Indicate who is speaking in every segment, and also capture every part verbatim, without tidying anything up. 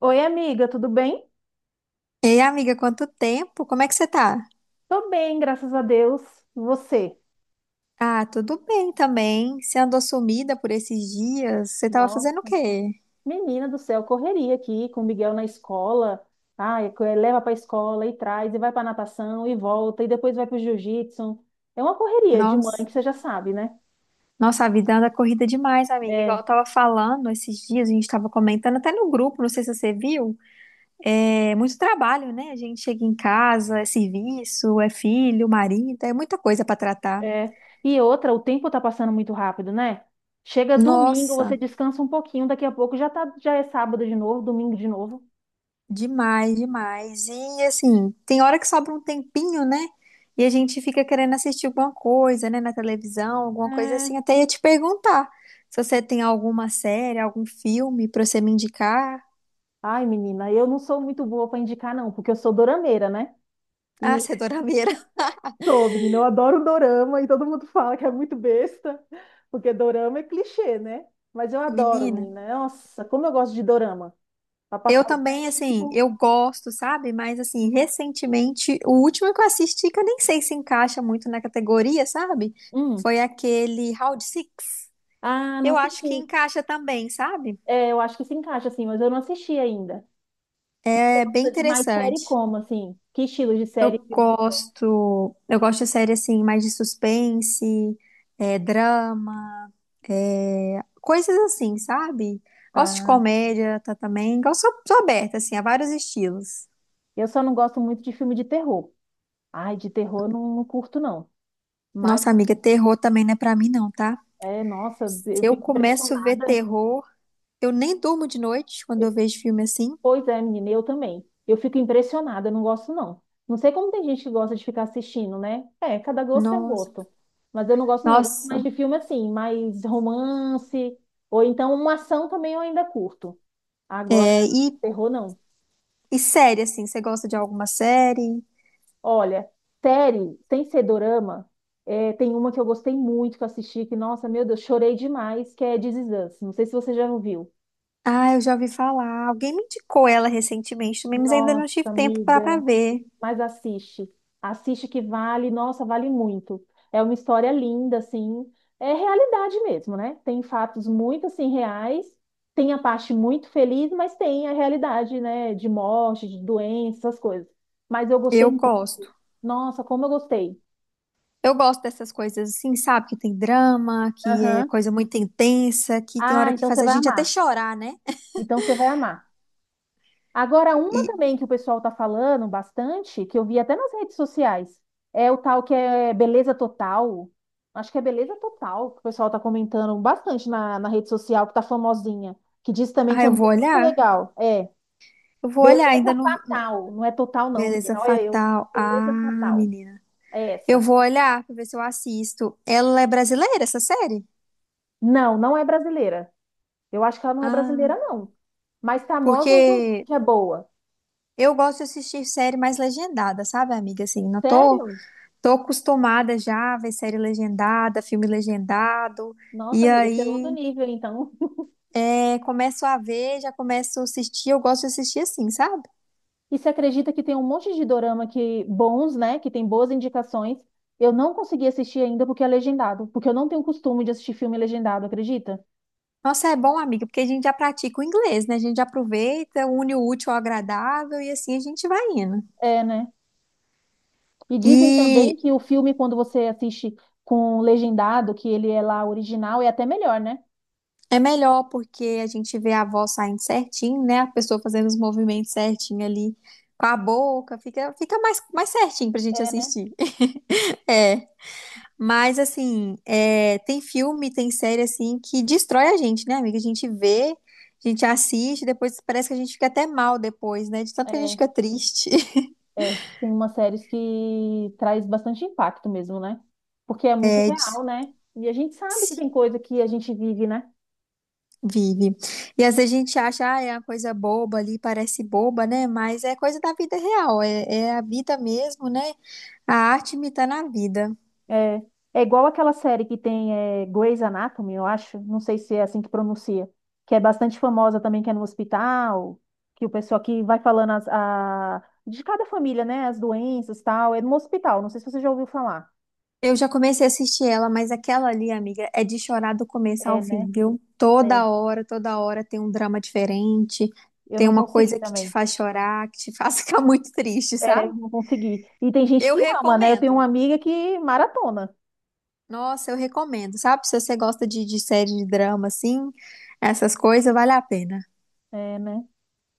Speaker 1: Oi, amiga, tudo bem?
Speaker 2: Ei, amiga, quanto tempo? Como é que você tá?
Speaker 1: Tô bem, graças a Deus. E você?
Speaker 2: Ah, tudo bem também. Você andou sumida por esses dias? Você tava fazendo o
Speaker 1: Nossa,
Speaker 2: quê?
Speaker 1: menina do céu, correria aqui com o Miguel na escola. Ai, co- leva para a escola e traz, e vai para natação e volta, e depois vai para o jiu-jitsu. É uma correria de mãe
Speaker 2: Nossa,
Speaker 1: que você já sabe, né?
Speaker 2: nossa, a vida anda corrida demais, amiga. Igual
Speaker 1: É,
Speaker 2: eu tava falando esses dias, a gente tava comentando até no grupo, não sei se você viu. É muito trabalho, né? A gente chega em casa, é serviço, é filho, marido, é muita coisa pra tratar.
Speaker 1: é. E outra, o tempo tá passando muito rápido, né? Chega domingo, você
Speaker 2: Nossa.
Speaker 1: descansa um pouquinho, daqui a pouco já tá, já é sábado de novo, domingo de novo.
Speaker 2: Demais, demais. E assim, tem hora que sobra um tempinho, né? E a gente fica querendo assistir alguma coisa, né, na televisão, alguma coisa
Speaker 1: É.
Speaker 2: assim. Até ia te perguntar se você tem alguma série, algum filme pra você me indicar.
Speaker 1: Ai, menina, eu não sou muito boa para indicar, não, porque eu sou dorameira, né?
Speaker 2: Ah, você é dorameira.
Speaker 1: Sou, menina, eu adoro dorama e todo mundo fala que é muito besta, porque dorama é clichê, né? Mas eu adoro,
Speaker 2: Menina,
Speaker 1: menina. Nossa, como eu gosto de dorama. Pra
Speaker 2: eu
Speaker 1: passar o
Speaker 2: também, assim,
Speaker 1: tempo.
Speaker 2: eu gosto, sabe? Mas, assim, recentemente, o último que eu assisti, que eu nem sei se encaixa muito na categoria, sabe?
Speaker 1: Hum.
Speaker 2: Foi aquele Round Six.
Speaker 1: Ah, não
Speaker 2: Eu acho que
Speaker 1: assisti.
Speaker 2: encaixa também, sabe?
Speaker 1: É, eu acho que se encaixa, assim, mas eu não assisti ainda. Você
Speaker 2: É bem
Speaker 1: gosta de mais série
Speaker 2: interessante.
Speaker 1: como, assim? Que estilo de
Speaker 2: Eu
Speaker 1: série? Filme?
Speaker 2: gosto, eu gosto de série assim, mais de suspense, é, drama, é, coisas assim, sabe? Gosto de
Speaker 1: Ah,
Speaker 2: comédia tá, também, gosto, sou, sou aberta assim a vários estilos.
Speaker 1: eu só não gosto muito de filme de terror. Ai, de terror eu não, não curto, não. Mas,
Speaker 2: Nossa amiga, terror também não é pra mim não, tá?
Speaker 1: é, nossa, eu
Speaker 2: Se eu
Speaker 1: fico
Speaker 2: começo a ver
Speaker 1: impressionada.
Speaker 2: terror, eu nem durmo de noite quando eu vejo filme assim.
Speaker 1: Pois é, menina, eu também. Eu fico impressionada, eu não gosto não. Não sei como tem gente que gosta de ficar assistindo, né? É, cada gosto é um
Speaker 2: Nossa,
Speaker 1: gosto. Mas eu não gosto não, eu gosto mais
Speaker 2: nossa.
Speaker 1: de filme assim, mais romance, ou então uma ação também eu ainda curto. Agora,
Speaker 2: É, e,
Speaker 1: terror não.
Speaker 2: e série assim, você gosta de alguma série?
Speaker 1: Olha, série, sem ser dorama, é, tem uma que eu gostei muito que eu assisti, que, nossa, meu Deus, chorei demais, que é This Is Us. Não sei se você já ouviu.
Speaker 2: Ah, eu já ouvi falar. Alguém me indicou ela recentemente também, mas ainda não
Speaker 1: Nossa,
Speaker 2: tive tempo pra pra
Speaker 1: amiga.
Speaker 2: ver.
Speaker 1: Mas assiste. Assiste que vale, nossa, vale muito. É uma história linda, assim. É realidade mesmo, né? Tem fatos muito, assim, reais. Tem a parte muito feliz, mas tem a realidade, né? De morte, de doença, essas coisas. Mas eu gostei
Speaker 2: Eu
Speaker 1: muito.
Speaker 2: gosto.
Speaker 1: Nossa, como eu gostei.
Speaker 2: Eu gosto dessas coisas assim, sabe? Que tem drama, que é
Speaker 1: Aham.
Speaker 2: coisa muito intensa, que tem
Speaker 1: Ah,
Speaker 2: hora que
Speaker 1: então
Speaker 2: faz
Speaker 1: você
Speaker 2: a
Speaker 1: vai
Speaker 2: gente até
Speaker 1: amar.
Speaker 2: chorar, né?
Speaker 1: Então você vai amar. Agora, uma
Speaker 2: E,
Speaker 1: também que o pessoal tá falando bastante, que eu vi até nas redes sociais, é o tal que é beleza total. Acho que é beleza total, que o pessoal tá comentando bastante na, na rede social, que tá famosinha, que diz também
Speaker 2: ah,
Speaker 1: que é
Speaker 2: eu vou
Speaker 1: muito
Speaker 2: olhar?
Speaker 1: legal. É,
Speaker 2: Eu vou olhar, ainda
Speaker 1: beleza
Speaker 2: não.
Speaker 1: fatal. Não é total, não,
Speaker 2: Beleza
Speaker 1: menina. Olha eu.
Speaker 2: Fatal. Ah,
Speaker 1: Beleza fatal.
Speaker 2: menina.
Speaker 1: É
Speaker 2: Eu
Speaker 1: essa.
Speaker 2: vou olhar pra ver se eu assisto. Ela é brasileira, essa série?
Speaker 1: Não, não é brasileira. Eu acho que ela não é brasileira,
Speaker 2: Ah,
Speaker 1: não. Mas famosa
Speaker 2: porque
Speaker 1: que é boa.
Speaker 2: eu gosto de assistir série mais legendada, sabe, amiga? Assim, não tô,
Speaker 1: Sério?
Speaker 2: tô acostumada já a ver série legendada, filme legendado.
Speaker 1: Nossa,
Speaker 2: E
Speaker 1: amiga, você é outro
Speaker 2: aí.
Speaker 1: nível, então.
Speaker 2: Aí começo a ver, já começo a assistir, eu gosto de assistir assim, sabe?
Speaker 1: E se acredita que tem um monte de dorama que bons, né? Que tem boas indicações. Eu não consegui assistir ainda porque é legendado, porque eu não tenho costume de assistir filme legendado, acredita?
Speaker 2: Nossa, é bom, amiga, porque a gente já pratica o inglês, né? A gente já aproveita, une o útil ao agradável e assim a gente vai indo.
Speaker 1: É, né? E dizem também
Speaker 2: E
Speaker 1: que o filme, quando você assiste com legendado, que ele é lá original, é até melhor, né?
Speaker 2: é melhor porque a gente vê a voz saindo certinho, né? A pessoa fazendo os movimentos certinho ali com a boca, fica, fica mais, mais certinho pra gente
Speaker 1: É, né?
Speaker 2: assistir. É. Mas, assim, é, tem filme, tem série, assim, que destrói a gente, né, amiga? A gente vê, a gente assiste, depois parece que a gente fica até mal depois, né? De tanto que a gente
Speaker 1: É,
Speaker 2: fica triste.
Speaker 1: é. Tem umas séries que traz bastante impacto mesmo, né? Porque é muito
Speaker 2: É, de-
Speaker 1: real, né? E a gente sabe que tem coisa que a gente vive, né?
Speaker 2: vive. E às vezes a gente acha, ah, é uma coisa boba ali, parece boba, né? Mas é coisa da vida real, é, é a vida mesmo, né? A arte imita na vida.
Speaker 1: É, é igual aquela série que tem é, Grey's Anatomy, eu acho, não sei se é assim que pronuncia, que é bastante famosa também, que é no hospital, que o pessoal que vai falando as- a, de cada família, né, as doenças tal, é no hospital, não sei se você já ouviu falar.
Speaker 2: Eu já comecei a assistir ela, mas aquela ali, amiga, é de chorar do começo
Speaker 1: É,
Speaker 2: ao
Speaker 1: né?
Speaker 2: fim, viu?
Speaker 1: É.
Speaker 2: Toda hora, toda hora tem um drama diferente,
Speaker 1: Eu
Speaker 2: tem
Speaker 1: não
Speaker 2: uma
Speaker 1: consegui
Speaker 2: coisa que te
Speaker 1: também.
Speaker 2: faz chorar, que te faz ficar muito triste,
Speaker 1: É, eu
Speaker 2: sabe?
Speaker 1: não consegui. E tem gente
Speaker 2: Eu
Speaker 1: que ama, né? Eu tenho uma
Speaker 2: recomendo.
Speaker 1: amiga que maratona.
Speaker 2: Nossa, eu recomendo, sabe? Se você gosta de, de série de drama, assim, essas coisas, vale a pena.
Speaker 1: É, né?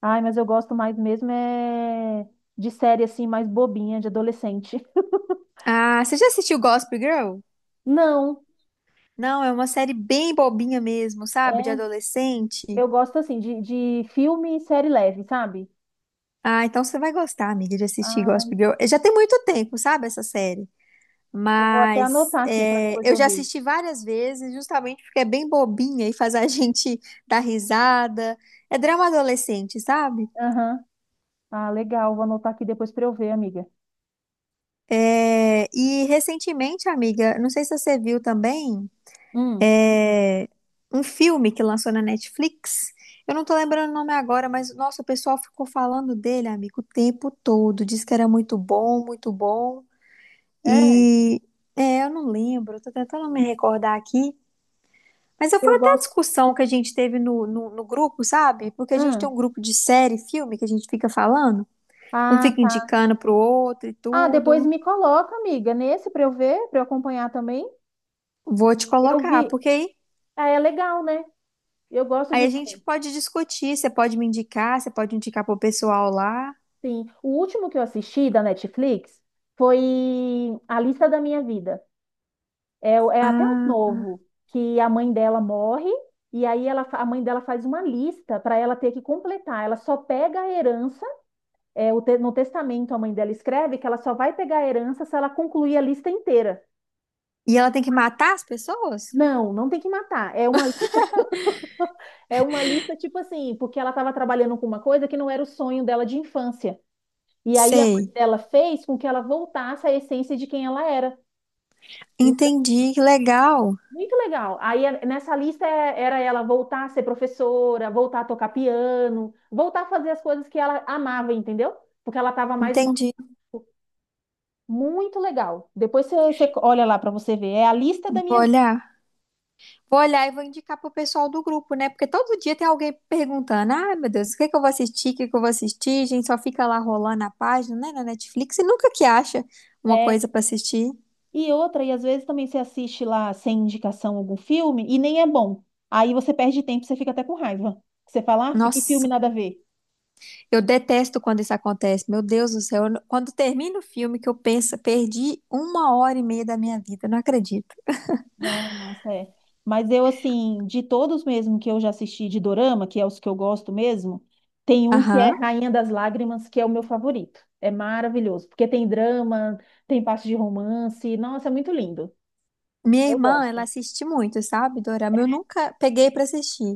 Speaker 1: Ai, mas eu gosto mais mesmo é de série assim, mais bobinha, de adolescente.
Speaker 2: Ah, você já assistiu Gossip Girl?
Speaker 1: Não.
Speaker 2: Não, é uma série bem bobinha mesmo, sabe? De
Speaker 1: É.
Speaker 2: adolescente.
Speaker 1: Eu gosto assim de, de filme e série leve, sabe?
Speaker 2: Ah, então você vai gostar, amiga, de assistir
Speaker 1: Ah,
Speaker 2: Gossip Girl. Já tem muito tempo, sabe, essa série.
Speaker 1: eu vou até
Speaker 2: Mas
Speaker 1: anotar aqui para
Speaker 2: é,
Speaker 1: depois
Speaker 2: eu
Speaker 1: eu
Speaker 2: já
Speaker 1: ver.
Speaker 2: assisti várias vezes, justamente porque é bem bobinha e faz a gente dar risada. É drama adolescente, sabe?
Speaker 1: Aham. Ah, legal. Vou anotar aqui depois para eu ver, amiga.
Speaker 2: É, e recentemente, amiga, não sei se você viu também,
Speaker 1: Hum.
Speaker 2: é, um filme que lançou na Netflix. Eu não tô lembrando o nome agora, mas nossa, o pessoal ficou falando dele, amigo, o tempo todo. Diz que era muito bom, muito bom.
Speaker 1: É,
Speaker 2: E é, eu não lembro, tô tentando me recordar aqui. Mas eu- fui
Speaker 1: eu
Speaker 2: até a
Speaker 1: gosto.
Speaker 2: discussão que a gente teve no, no, no grupo, sabe? Porque a gente tem
Speaker 1: Hum.
Speaker 2: um grupo de série, filme, que a gente fica falando. Um
Speaker 1: Ah,
Speaker 2: fica
Speaker 1: tá.
Speaker 2: indicando pro outro e
Speaker 1: Ah, depois
Speaker 2: tudo.
Speaker 1: me coloca, amiga, nesse para eu ver, para eu acompanhar também.
Speaker 2: Vou te
Speaker 1: Eu
Speaker 2: colocar,
Speaker 1: vi.
Speaker 2: porque aí,
Speaker 1: Ah, é legal, né? Eu gosto
Speaker 2: aí
Speaker 1: de
Speaker 2: a gente
Speaker 1: ver.
Speaker 2: pode discutir. Você pode me indicar, você pode indicar pro pessoal lá.
Speaker 1: Sim. O último que eu assisti da Netflix foi A Lista da Minha Vida. É, é até um
Speaker 2: Ah,
Speaker 1: novo, que a mãe dela morre, e aí ela, a mãe dela faz uma lista para ela ter que completar. Ela só pega a herança, é, o te- no testamento a mãe dela escreve que ela só vai pegar a herança se ela concluir a lista inteira.
Speaker 2: e ela tem que matar as pessoas?
Speaker 1: Não, não tem que matar. É uma, li- é uma lista tipo assim, porque ela estava trabalhando com uma coisa que não era o sonho dela de infância. E aí a mãe
Speaker 2: Sei.
Speaker 1: dela fez com que ela voltasse à essência de quem ela era.
Speaker 2: Entendi, que legal.
Speaker 1: Muito legal. Aí é- nessa lista é- era ela voltar a ser professora, voltar a tocar piano, voltar a fazer as coisas que ela amava, entendeu? Porque ela estava mais mo-
Speaker 2: Entendi.
Speaker 1: muito legal. Depois você, você olha lá para você ver. É a lista da
Speaker 2: Vou
Speaker 1: minha
Speaker 2: olhar. Vou olhar e vou indicar pro pessoal do grupo, né? Porque todo dia tem alguém perguntando: ah, meu Deus, o que é que eu vou assistir? O que é que eu vou assistir? A gente só fica lá rolando a página, né, na Netflix e nunca que acha uma
Speaker 1: é
Speaker 2: coisa pra assistir.
Speaker 1: e outra e às vezes também você assiste lá sem indicação algum filme e nem é bom. Aí você perde tempo, você fica até com raiva. Você fala, ah, que filme
Speaker 2: Nossa,
Speaker 1: nada a ver.
Speaker 2: eu detesto quando isso acontece. Meu Deus do céu, eu não- quando termina o filme que eu penso, perdi uma hora e meia da minha vida, não acredito.
Speaker 1: Ah, nossa, é. Mas eu, assim, de todos mesmo que eu já assisti de Dorama, que é os que eu gosto mesmo, tem um que é
Speaker 2: Aham.
Speaker 1: Rainha das Lágrimas, que é o meu favorito. É maravilhoso, porque tem drama, tem parte de romance. Nossa, é muito lindo.
Speaker 2: Minha
Speaker 1: Eu
Speaker 2: irmã, ela
Speaker 1: gosto.
Speaker 2: assiste muito, sabe, Dorama? Eu nunca peguei pra assistir.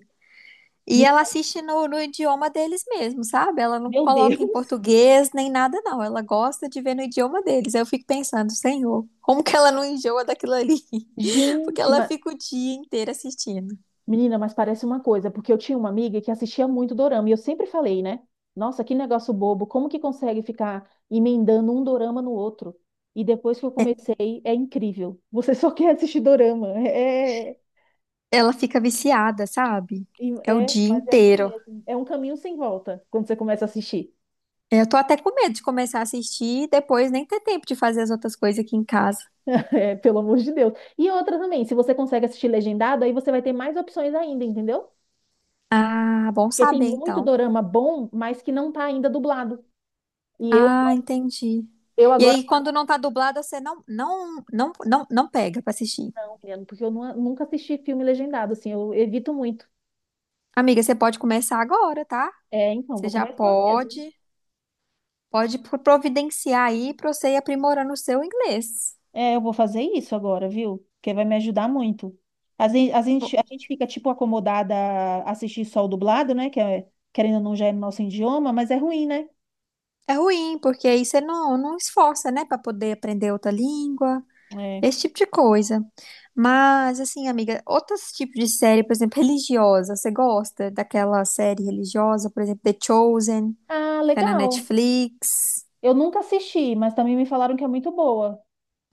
Speaker 2: E
Speaker 1: Me-
Speaker 2: ela assiste no, no idioma deles mesmo, sabe? Ela não
Speaker 1: Meu
Speaker 2: coloca em
Speaker 1: Deus!
Speaker 2: português nem nada, não. Ela gosta de ver no idioma deles. Aí eu fico pensando, Senhor, como que ela não enjoa daquilo ali? Porque
Speaker 1: Gente,
Speaker 2: ela
Speaker 1: mas
Speaker 2: fica o dia inteiro assistindo.
Speaker 1: menina, mas parece uma coisa, porque eu tinha uma amiga que assistia muito dorama e eu sempre falei, né? Nossa, que negócio bobo, como que consegue ficar emendando um dorama no outro? E depois que eu comecei, é incrível. Você só quer assistir dorama. É,
Speaker 2: Ela fica viciada, sabe? É o
Speaker 1: é, é,
Speaker 2: dia
Speaker 1: mas é assim
Speaker 2: inteiro.
Speaker 1: mesmo. É um caminho sem volta quando você começa a assistir.
Speaker 2: Eu tô até com medo de começar a assistir e depois nem ter tempo de fazer as outras coisas aqui em casa.
Speaker 1: É, pelo amor de Deus. E outra também, se você consegue assistir legendado, aí você vai ter mais opções ainda, entendeu?
Speaker 2: Ah, bom
Speaker 1: Porque tem
Speaker 2: saber
Speaker 1: muito
Speaker 2: então.
Speaker 1: dorama bom, mas que não tá ainda dublado. E eu
Speaker 2: Ah, entendi.
Speaker 1: eu
Speaker 2: E
Speaker 1: agora
Speaker 2: aí, quando não tá dublado, você não, não, não, não, não pega pra assistir.
Speaker 1: italiano, porque eu nu- nunca assisti filme legendado, assim, eu evito muito.
Speaker 2: Amiga, você pode começar agora, tá?
Speaker 1: É, então,
Speaker 2: Você
Speaker 1: vou
Speaker 2: já
Speaker 1: começar mesmo.
Speaker 2: pode, pode pro- providenciar aí pra você ir aprimorando o seu inglês.
Speaker 1: É, eu vou fazer isso agora, viu? Porque vai me ajudar muito. Às vezes, a gente,
Speaker 2: O-
Speaker 1: a gente fica, tipo, acomodada a assistir só o dublado, né? Que é, querendo ou não, já é no nosso idioma, mas é ruim, né?
Speaker 2: É ruim, porque aí você não, não esforça, né, pra poder aprender outra língua,
Speaker 1: É.
Speaker 2: esse tipo de coisa. Mas, assim, amiga, outros tipos de série, por exemplo, religiosa, você gosta daquela série religiosa, por exemplo, The Chosen,
Speaker 1: Ah,
Speaker 2: que tá na
Speaker 1: legal.
Speaker 2: Netflix,
Speaker 1: Eu nunca assisti, mas também me falaram que é muito boa.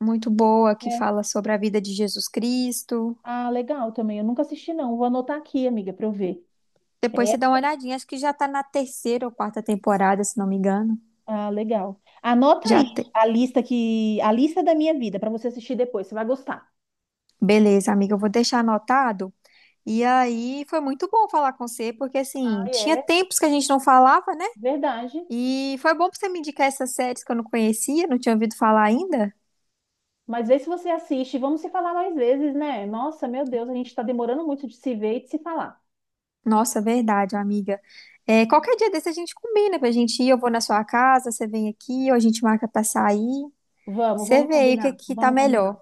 Speaker 2: muito boa, que
Speaker 1: É.
Speaker 2: fala sobre a vida de Jesus Cristo.
Speaker 1: Ah, legal também. Eu nunca assisti, não. Vou anotar aqui, amiga, pra eu ver.
Speaker 2: Depois você dá uma olhadinha. Acho que já tá na terceira ou quarta temporada, se não me engano.
Speaker 1: Ah, legal. Anota
Speaker 2: Já
Speaker 1: aí
Speaker 2: tem.
Speaker 1: a lista que a lista da minha vida para você assistir depois, você vai gostar.
Speaker 2: Beleza, amiga, eu vou deixar anotado. E aí foi muito bom falar com você, porque
Speaker 1: Ah,
Speaker 2: assim, tinha
Speaker 1: é,
Speaker 2: tempos que a gente não falava, né?
Speaker 1: verdade.
Speaker 2: E foi bom pra você me indicar essas séries que eu não conhecia, não tinha ouvido falar ainda.
Speaker 1: Mas vê se você assiste, vamos se falar mais vezes, né? Nossa, meu Deus, a gente está demorando muito de se ver e de se falar.
Speaker 2: Nossa, verdade, amiga. É, qualquer dia desse a gente combina pra gente ir, eu vou na sua casa, você vem aqui, ou a gente marca pra sair.
Speaker 1: Vamos,
Speaker 2: Você
Speaker 1: vamos
Speaker 2: vê aí o que é
Speaker 1: combinar,
Speaker 2: que tá
Speaker 1: vamos combinar.
Speaker 2: melhor.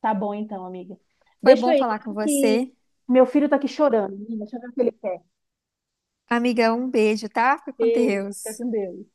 Speaker 1: Tá bom então, amiga.
Speaker 2: Foi
Speaker 1: Deixa
Speaker 2: bom
Speaker 1: eu ir lá
Speaker 2: falar com
Speaker 1: que
Speaker 2: você.
Speaker 1: meu filho tá aqui chorando. Menina. Deixa eu ver o que ele quer.
Speaker 2: Amiga, um beijo, tá? Fica com
Speaker 1: Beijo, fica
Speaker 2: Deus.
Speaker 1: com Deus.